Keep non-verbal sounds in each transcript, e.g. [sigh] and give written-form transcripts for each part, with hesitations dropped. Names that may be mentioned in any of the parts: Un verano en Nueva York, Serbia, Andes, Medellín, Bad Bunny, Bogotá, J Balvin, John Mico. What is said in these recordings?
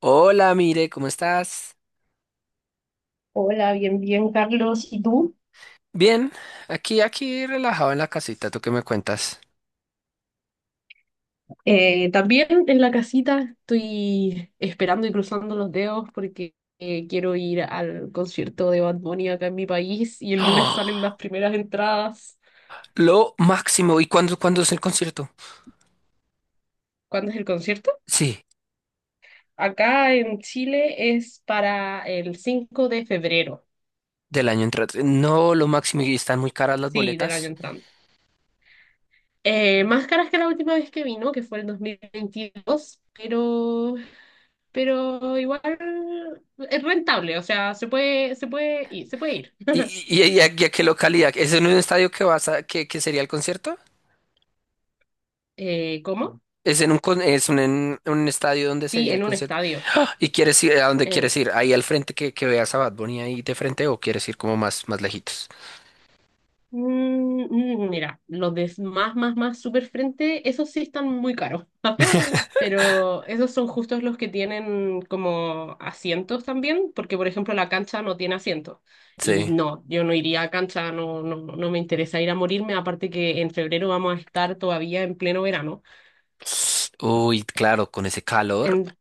Hola, mire, ¿cómo estás? Hola, bien, bien, Carlos. ¿Y tú? Bien, aquí, relajado en la casita, ¿tú qué me cuentas? También en la casita estoy esperando y cruzando los dedos porque quiero ir al concierto de Bad Bunny acá en mi país y el lunes salen ¡Ah! las primeras entradas. Lo máximo, ¿y cuándo es el concierto? ¿Cuándo es el concierto? Sí, Acá en Chile es para el 5 de febrero, del año entrante. No, lo máximo, y están muy caras las sí, del año boletas. entrante. Más caras que la última vez que vino, que fue el 2022, pero igual es rentable, o sea, se puede ir, se puede ir. ¿Y, y a qué localidad? ¿Es en un estadio que vas a, que sería el concierto? ¿Cómo? ¿Es en un estadio donde Sí, sería el en un concierto? estadio. ¿Y quieres ir a dónde quieres En... ir? ¿Ahí al frente que veas a Bad Bunny ahí de frente o quieres ir como más lejitos? Mm, mira, los de más super frente, esos sí están muy caros. [laughs] Pero esos son justos los que tienen como asientos también, porque por ejemplo la cancha no tiene asientos. Y Sí. no, yo no iría a cancha, no, no, no me interesa ir a morirme, aparte que en febrero vamos a estar todavía en pleno verano. Uy, claro, con ese calor. En-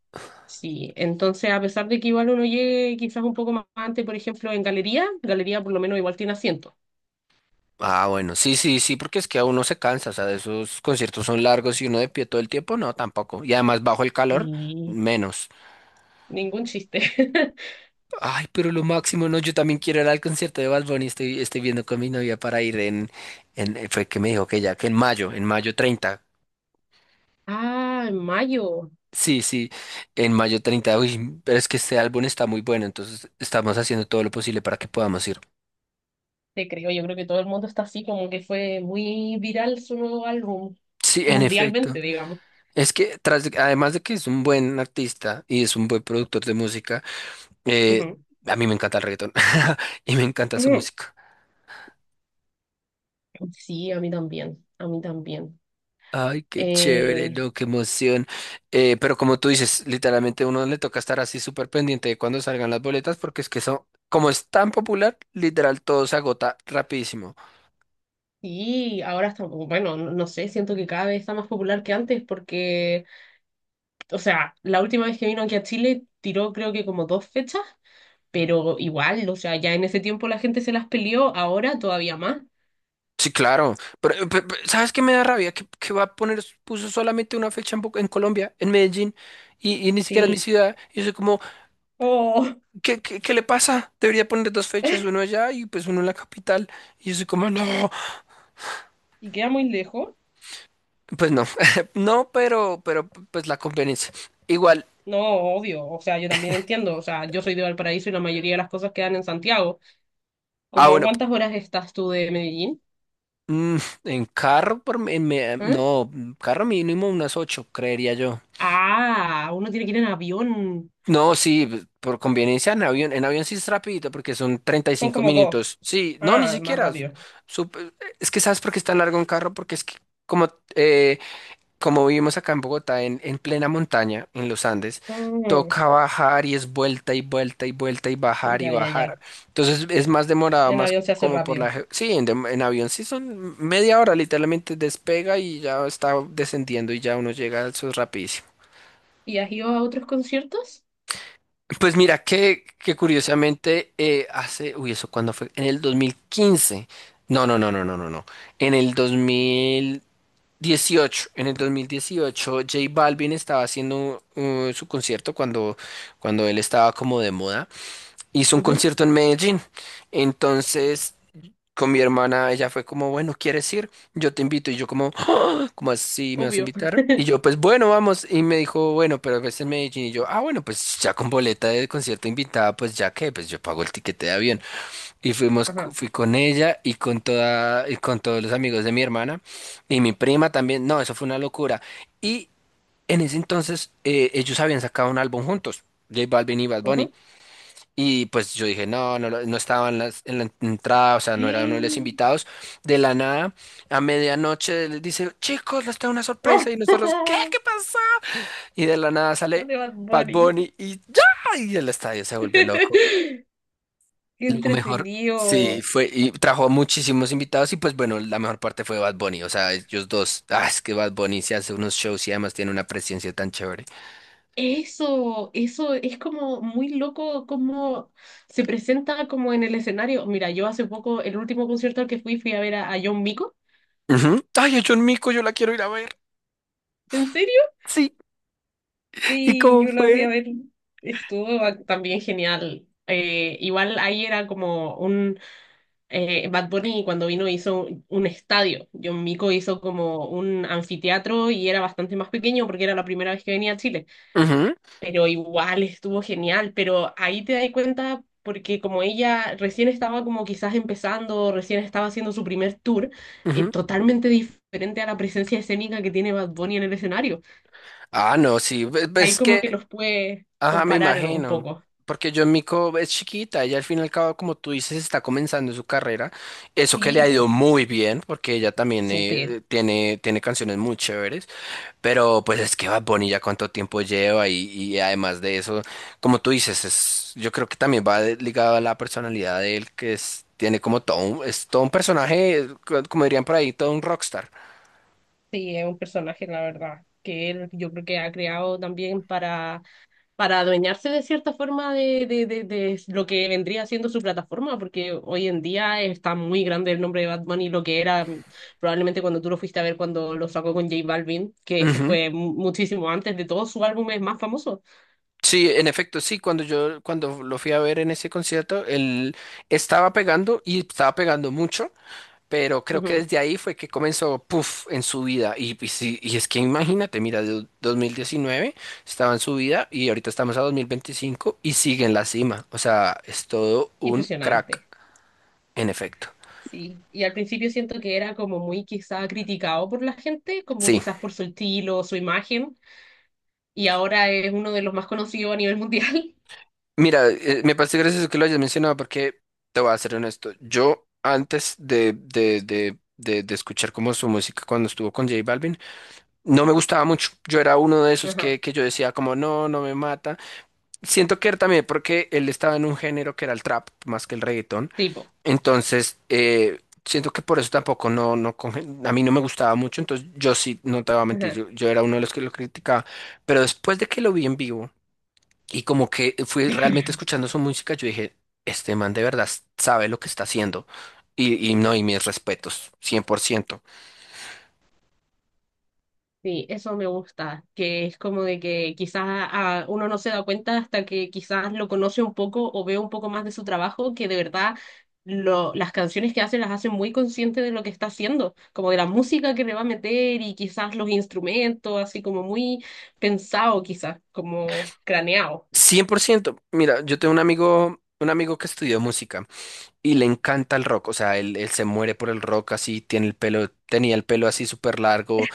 sí, entonces a pesar de que igual uno llegue quizás un poco más antes, por ejemplo, en galería, galería por lo menos igual tiene asientos. Ah, bueno, sí, sí, sí, porque es que a uno se cansa, o sea, esos conciertos son largos y uno de pie todo el tiempo, no, tampoco. Y además bajo el calor, Sí, menos. ningún chiste. [laughs] Ay, pero lo máximo, no, yo también quiero ir al concierto de Bad Bunny, estoy viendo con mi novia para ir fue que me dijo que ya, que en mayo treinta. Ah, en mayo, Sí, sí, en mayo 30. Uy, pero es que este álbum está muy bueno, entonces estamos haciendo todo lo posible para que podamos ir. te creo. Yo creo que todo el mundo está así, como que fue muy viral su nuevo álbum, Sí, en efecto. mundialmente, digamos. Es que además de que es un buen artista y es un buen productor de música. Eh, Ujú, a mí me encanta el reggaetón [laughs] y me encanta su ujú. música. Sí, a mí también, a mí también. Ay, qué chévere, Eh, no, qué emoción. Pero como tú dices, literalmente a uno le toca estar así súper pendiente de cuando salgan las boletas porque es que eso, como es tan popular, literal todo se agota rapidísimo. y ahora está, bueno, no sé, siento que cada vez está más popular que antes porque, o sea, la última vez que vino aquí a Chile tiró creo que como dos fechas, pero igual, o sea, ya en ese tiempo la gente se las peleó, ahora todavía más. Sí, claro. Pero, ¿sabes qué me da rabia? Que va a poner, puso solamente una fecha en, en Colombia, en Medellín, y ni siquiera en mi Sí. ciudad. Y yo soy como, Oh. ¿qué le pasa? Debería poner dos fechas, uno allá y pues uno en la capital. Y yo soy como, no. Y queda muy lejos. Pues no, [laughs] no, pero pues la conveniencia. Igual, No, obvio, o sea, yo también entiendo, o sea, yo soy de Valparaíso y la mayoría de las cosas quedan en Santiago. ah, ¿Cómo a bueno, cuántas horas estás tú de Medellín? mm, en carro, ¿Eh? no, carro mínimo unas ocho, creería yo. Ah, uno tiene que ir en avión. No, sí, por conveniencia en avión sí es rapidito porque son treinta y Son cinco como dos. minutos. Sí, no, ni Ah, más siquiera. rápido. sup- es que sabes por qué es tan largo un carro, porque es que como eh, como vivimos acá en Bogotá, en plena montaña, en los Andes, Mm, toca bajar y es vuelta y vuelta y vuelta y bajar y ya, ya, bajar. ya. Entonces es más demorado, En más avión se hace como rápido. Sí, en avión sí son media hora, literalmente despega y ya está descendiendo y ya uno llega, eso es rapidísimo. ¿Y has ido a otros conciertos? Pues mira que curiosamente uy, ¿eso cuándo fue? En el 2015. No, no, no, no, no, no, no. En el 2000... 18, en el 2018, J Balvin estaba haciendo su concierto cuando, cuando él estaba como de moda. Hizo un Ujú, concierto en Medellín. Entonces, con mi hermana, ella fue como, bueno, ¿quieres ir? Yo te invito. Y yo como, "Ah, ¿cómo así me vas a obvio. invitar?" Y yo, pues bueno, vamos. Y me dijo, bueno, pero es en Medellín. Y yo, ah, bueno, pues ya con boleta de concierto invitada, pues ya que, pues yo pago el tiquete de avión. Y fuimos, Ajá. fui con ella y con todos los amigos de mi hermana y mi prima también. No, eso fue una locura. Y en ese entonces ellos habían sacado un álbum juntos, J Balvin y Bad Bunny. Ujú. Y pues yo dije, no, no estaba en la entrada, o sea, no era uno de los [laughs] invitados. De la nada, a medianoche les dice, chicos, les tengo una ¡Oh! sorpresa. Y nosotros, ¿qué? ¿Qué pasó? Y de la nada [laughs] De sale Bad Bad Bunny. Bunny y ya, y el estadio se vuelve loco. [laughs] ¡Qué Lo mejor, sí, entretenido! fue, y trajo muchísimos invitados y pues bueno, la mejor parte fue Bad Bunny, o sea, ellos dos, ah, es que Bad Bunny se hace unos shows y además tiene una presencia tan chévere. Eso es como muy loco cómo se presenta como en el escenario. Mira, yo hace poco, el último concierto al que fui, fui a ver a John Mico. Ujú. Ay, a John Mico, yo la quiero ir a ver. ¿En serio? Sí, ¿y Sí, cómo yo la fui a fue? ver. También genial. Igual ahí era como un Bad Bunny cuando vino hizo un estadio. John Mico hizo como un anfiteatro y era bastante más pequeño porque era la primera vez que venía a Chile. Ujú, Pero igual estuvo genial, pero ahí te das cuenta porque como ella recién estaba como quizás empezando, recién estaba haciendo su primer tour, ujú. totalmente diferente a la presencia escénica que tiene Bad Bunny en el escenario. Ah, no, sí, Ahí ves como que que, los puede ajá, me comparar un imagino, poco. porque John Mico es chiquita, ella al fin y al cabo, como tú dices, está comenzando su carrera, eso que le ha ido Tipo, muy bien, porque ella también súper. Tiene, tiene canciones muy chéveres. Pero pues es que Bad Bunny ya cuánto tiempo lleva y además de eso, como tú dices, es, yo creo que también va ligado a la personalidad de él, que es, tiene como todo un, es todo un personaje, como dirían por ahí, todo un rockstar. Sí, es un personaje, la verdad, que él yo creo que ha creado también para adueñarse de cierta forma de lo que vendría siendo su plataforma, porque hoy en día está muy grande el nombre de Bad Bunny, lo que era probablemente cuando tú lo fuiste a ver cuando lo sacó con J Balvin, que eso Ujú. fue muchísimo antes de todos sus álbumes más famosos. Sí, en efecto, sí, cuando yo cuando lo fui a ver en ese concierto, él estaba pegando y estaba pegando mucho. Pero creo que Ujú. desde ahí fue que comenzó, puff, en su vida. Sí, es que imagínate, mira, de 2019 estaba en su vida y ahorita estamos a 2025 y sigue en la cima. O sea, es todo un Impresionante. crack, en efecto. Sí, y al principio siento que era como muy quizá criticado por la gente, como Sí, quizás por su estilo, su imagen, y ahora es uno de los más conocidos a nivel mundial. mira, me parece gracioso que lo hayas mencionado porque te voy a ser honesto. Yo antes de escuchar como su música cuando estuvo con J Balvin, no me gustaba mucho. Yo era uno de [laughs] esos Ajá, que yo decía como, no, no me mata. Siento que era también porque él estaba en un género que era el trap más que el reggaetón. tipo. Entonces, siento que por eso tampoco no, a mí no me gustaba mucho. Entonces, yo sí, no te voy a mentir, Ajá. yo era uno de los que lo criticaba. Pero después de que lo vi en vivo y como que fui [laughs] realmente escuchando su música, yo dije, este man de verdad sabe lo que está haciendo. Y no, y mis respetos, cien cien por ciento Sí, eso me gusta, que es como de que quizás ah, uno no se da cuenta hasta que quizás lo conoce un poco o ve un poco más de su trabajo, que de verdad lo, las canciones que hace las hace muy consciente de lo que está haciendo, como de la música que le va a meter y quizás los instrumentos, así como muy pensado quizás, como craneado. cien por ciento Mira, yo tengo un amigo que estudió música. Y le encanta el rock, o sea, él se muere por el rock así, tiene el pelo, tenía el pelo así súper largo,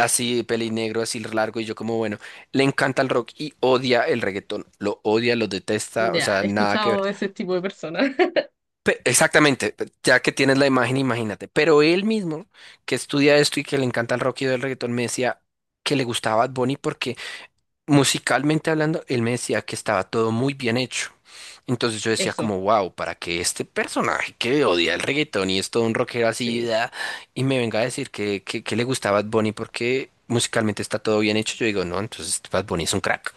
así pelinegro, así largo, y yo como, bueno, le encanta el rock y odia el reggaetón, lo odia, lo detesta, o Ya, sea, he nada que ver. escuchado a ese tipo de personas. Exactamente, ya que tienes la imagen, imagínate, pero él mismo, que estudia esto y que le encanta el rock y odia el reggaetón, me decía que le gustaba Bad Bunny porque musicalmente hablando, él me decía que estaba todo muy bien hecho. Entonces yo [laughs] decía Eso, como, wow, para que este personaje que odia el reggaetón y es todo un rockero así, sí. da, y me venga a decir que le gustaba Bad Bunny porque musicalmente está todo bien hecho, yo digo, no, entonces Bad Bunny es un crack.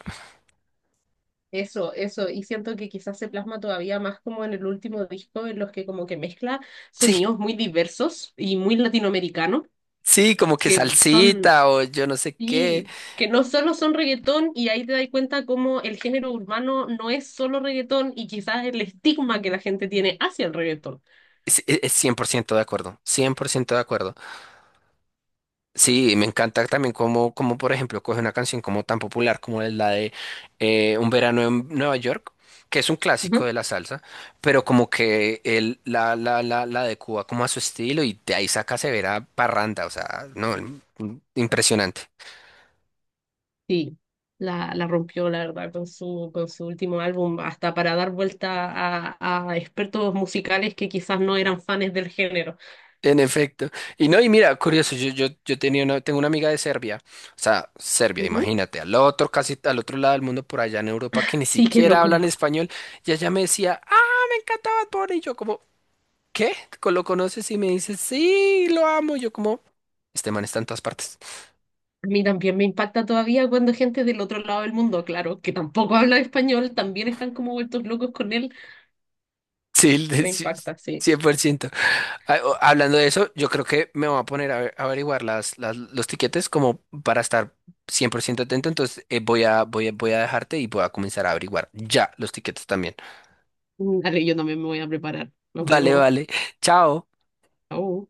Eso, y siento que quizás se plasma todavía más como en el último disco, en los que como que mezcla Sí, sonidos muy diversos y muy latinoamericanos, sí, como que que son, salsita o yo no sé qué. y que no solo son reggaetón, y ahí te das cuenta como el género urbano no es solo reggaetón, y quizás el estigma que la gente tiene hacia el reggaetón. Es 100% de acuerdo, 100% de acuerdo. Sí, me encanta también como, por ejemplo, coge una canción como tan popular como es la de Un verano en Nueva York, que es un clásico Ujú. de la salsa, pero como que él la adecua como a su estilo y de ahí saca severa parranda, o sea, no, mm, impresionante. Sí, la rompió, la verdad, con su último álbum, hasta para dar vuelta a expertos musicales que quizás no eran fans del género. En efecto. Y no, y mira, curioso, yo tenía una, tengo una amiga de Serbia, o sea, Serbia, Ujú. imagínate, al otro, casi al otro lado del mundo, por allá en Europa, que ni Sí, qué siquiera loco. hablan español, y ella me decía, ah, me encanta Bad Bunny", y yo como... ¿qué? ¿Lo conoces? Y me dice, sí, lo amo. Yo como, este man está en todas partes. [laughs] A mí también me impacta todavía cuando gente del otro lado del mundo, claro, que tampoco habla español, también están como vueltos locos con él. Sí, Me sí, impacta, sí. 100%. Ah, hablando de eso, yo creo que me voy a poner a, a averiguar las, los tiquetes como para estar 100% atento. Entonces, voy a, voy a dejarte y voy a comenzar a averiguar ya los tiquetes también. Dale, yo también me voy a preparar. Nos Vale, vemos. vale. [laughs] Chao. Chau.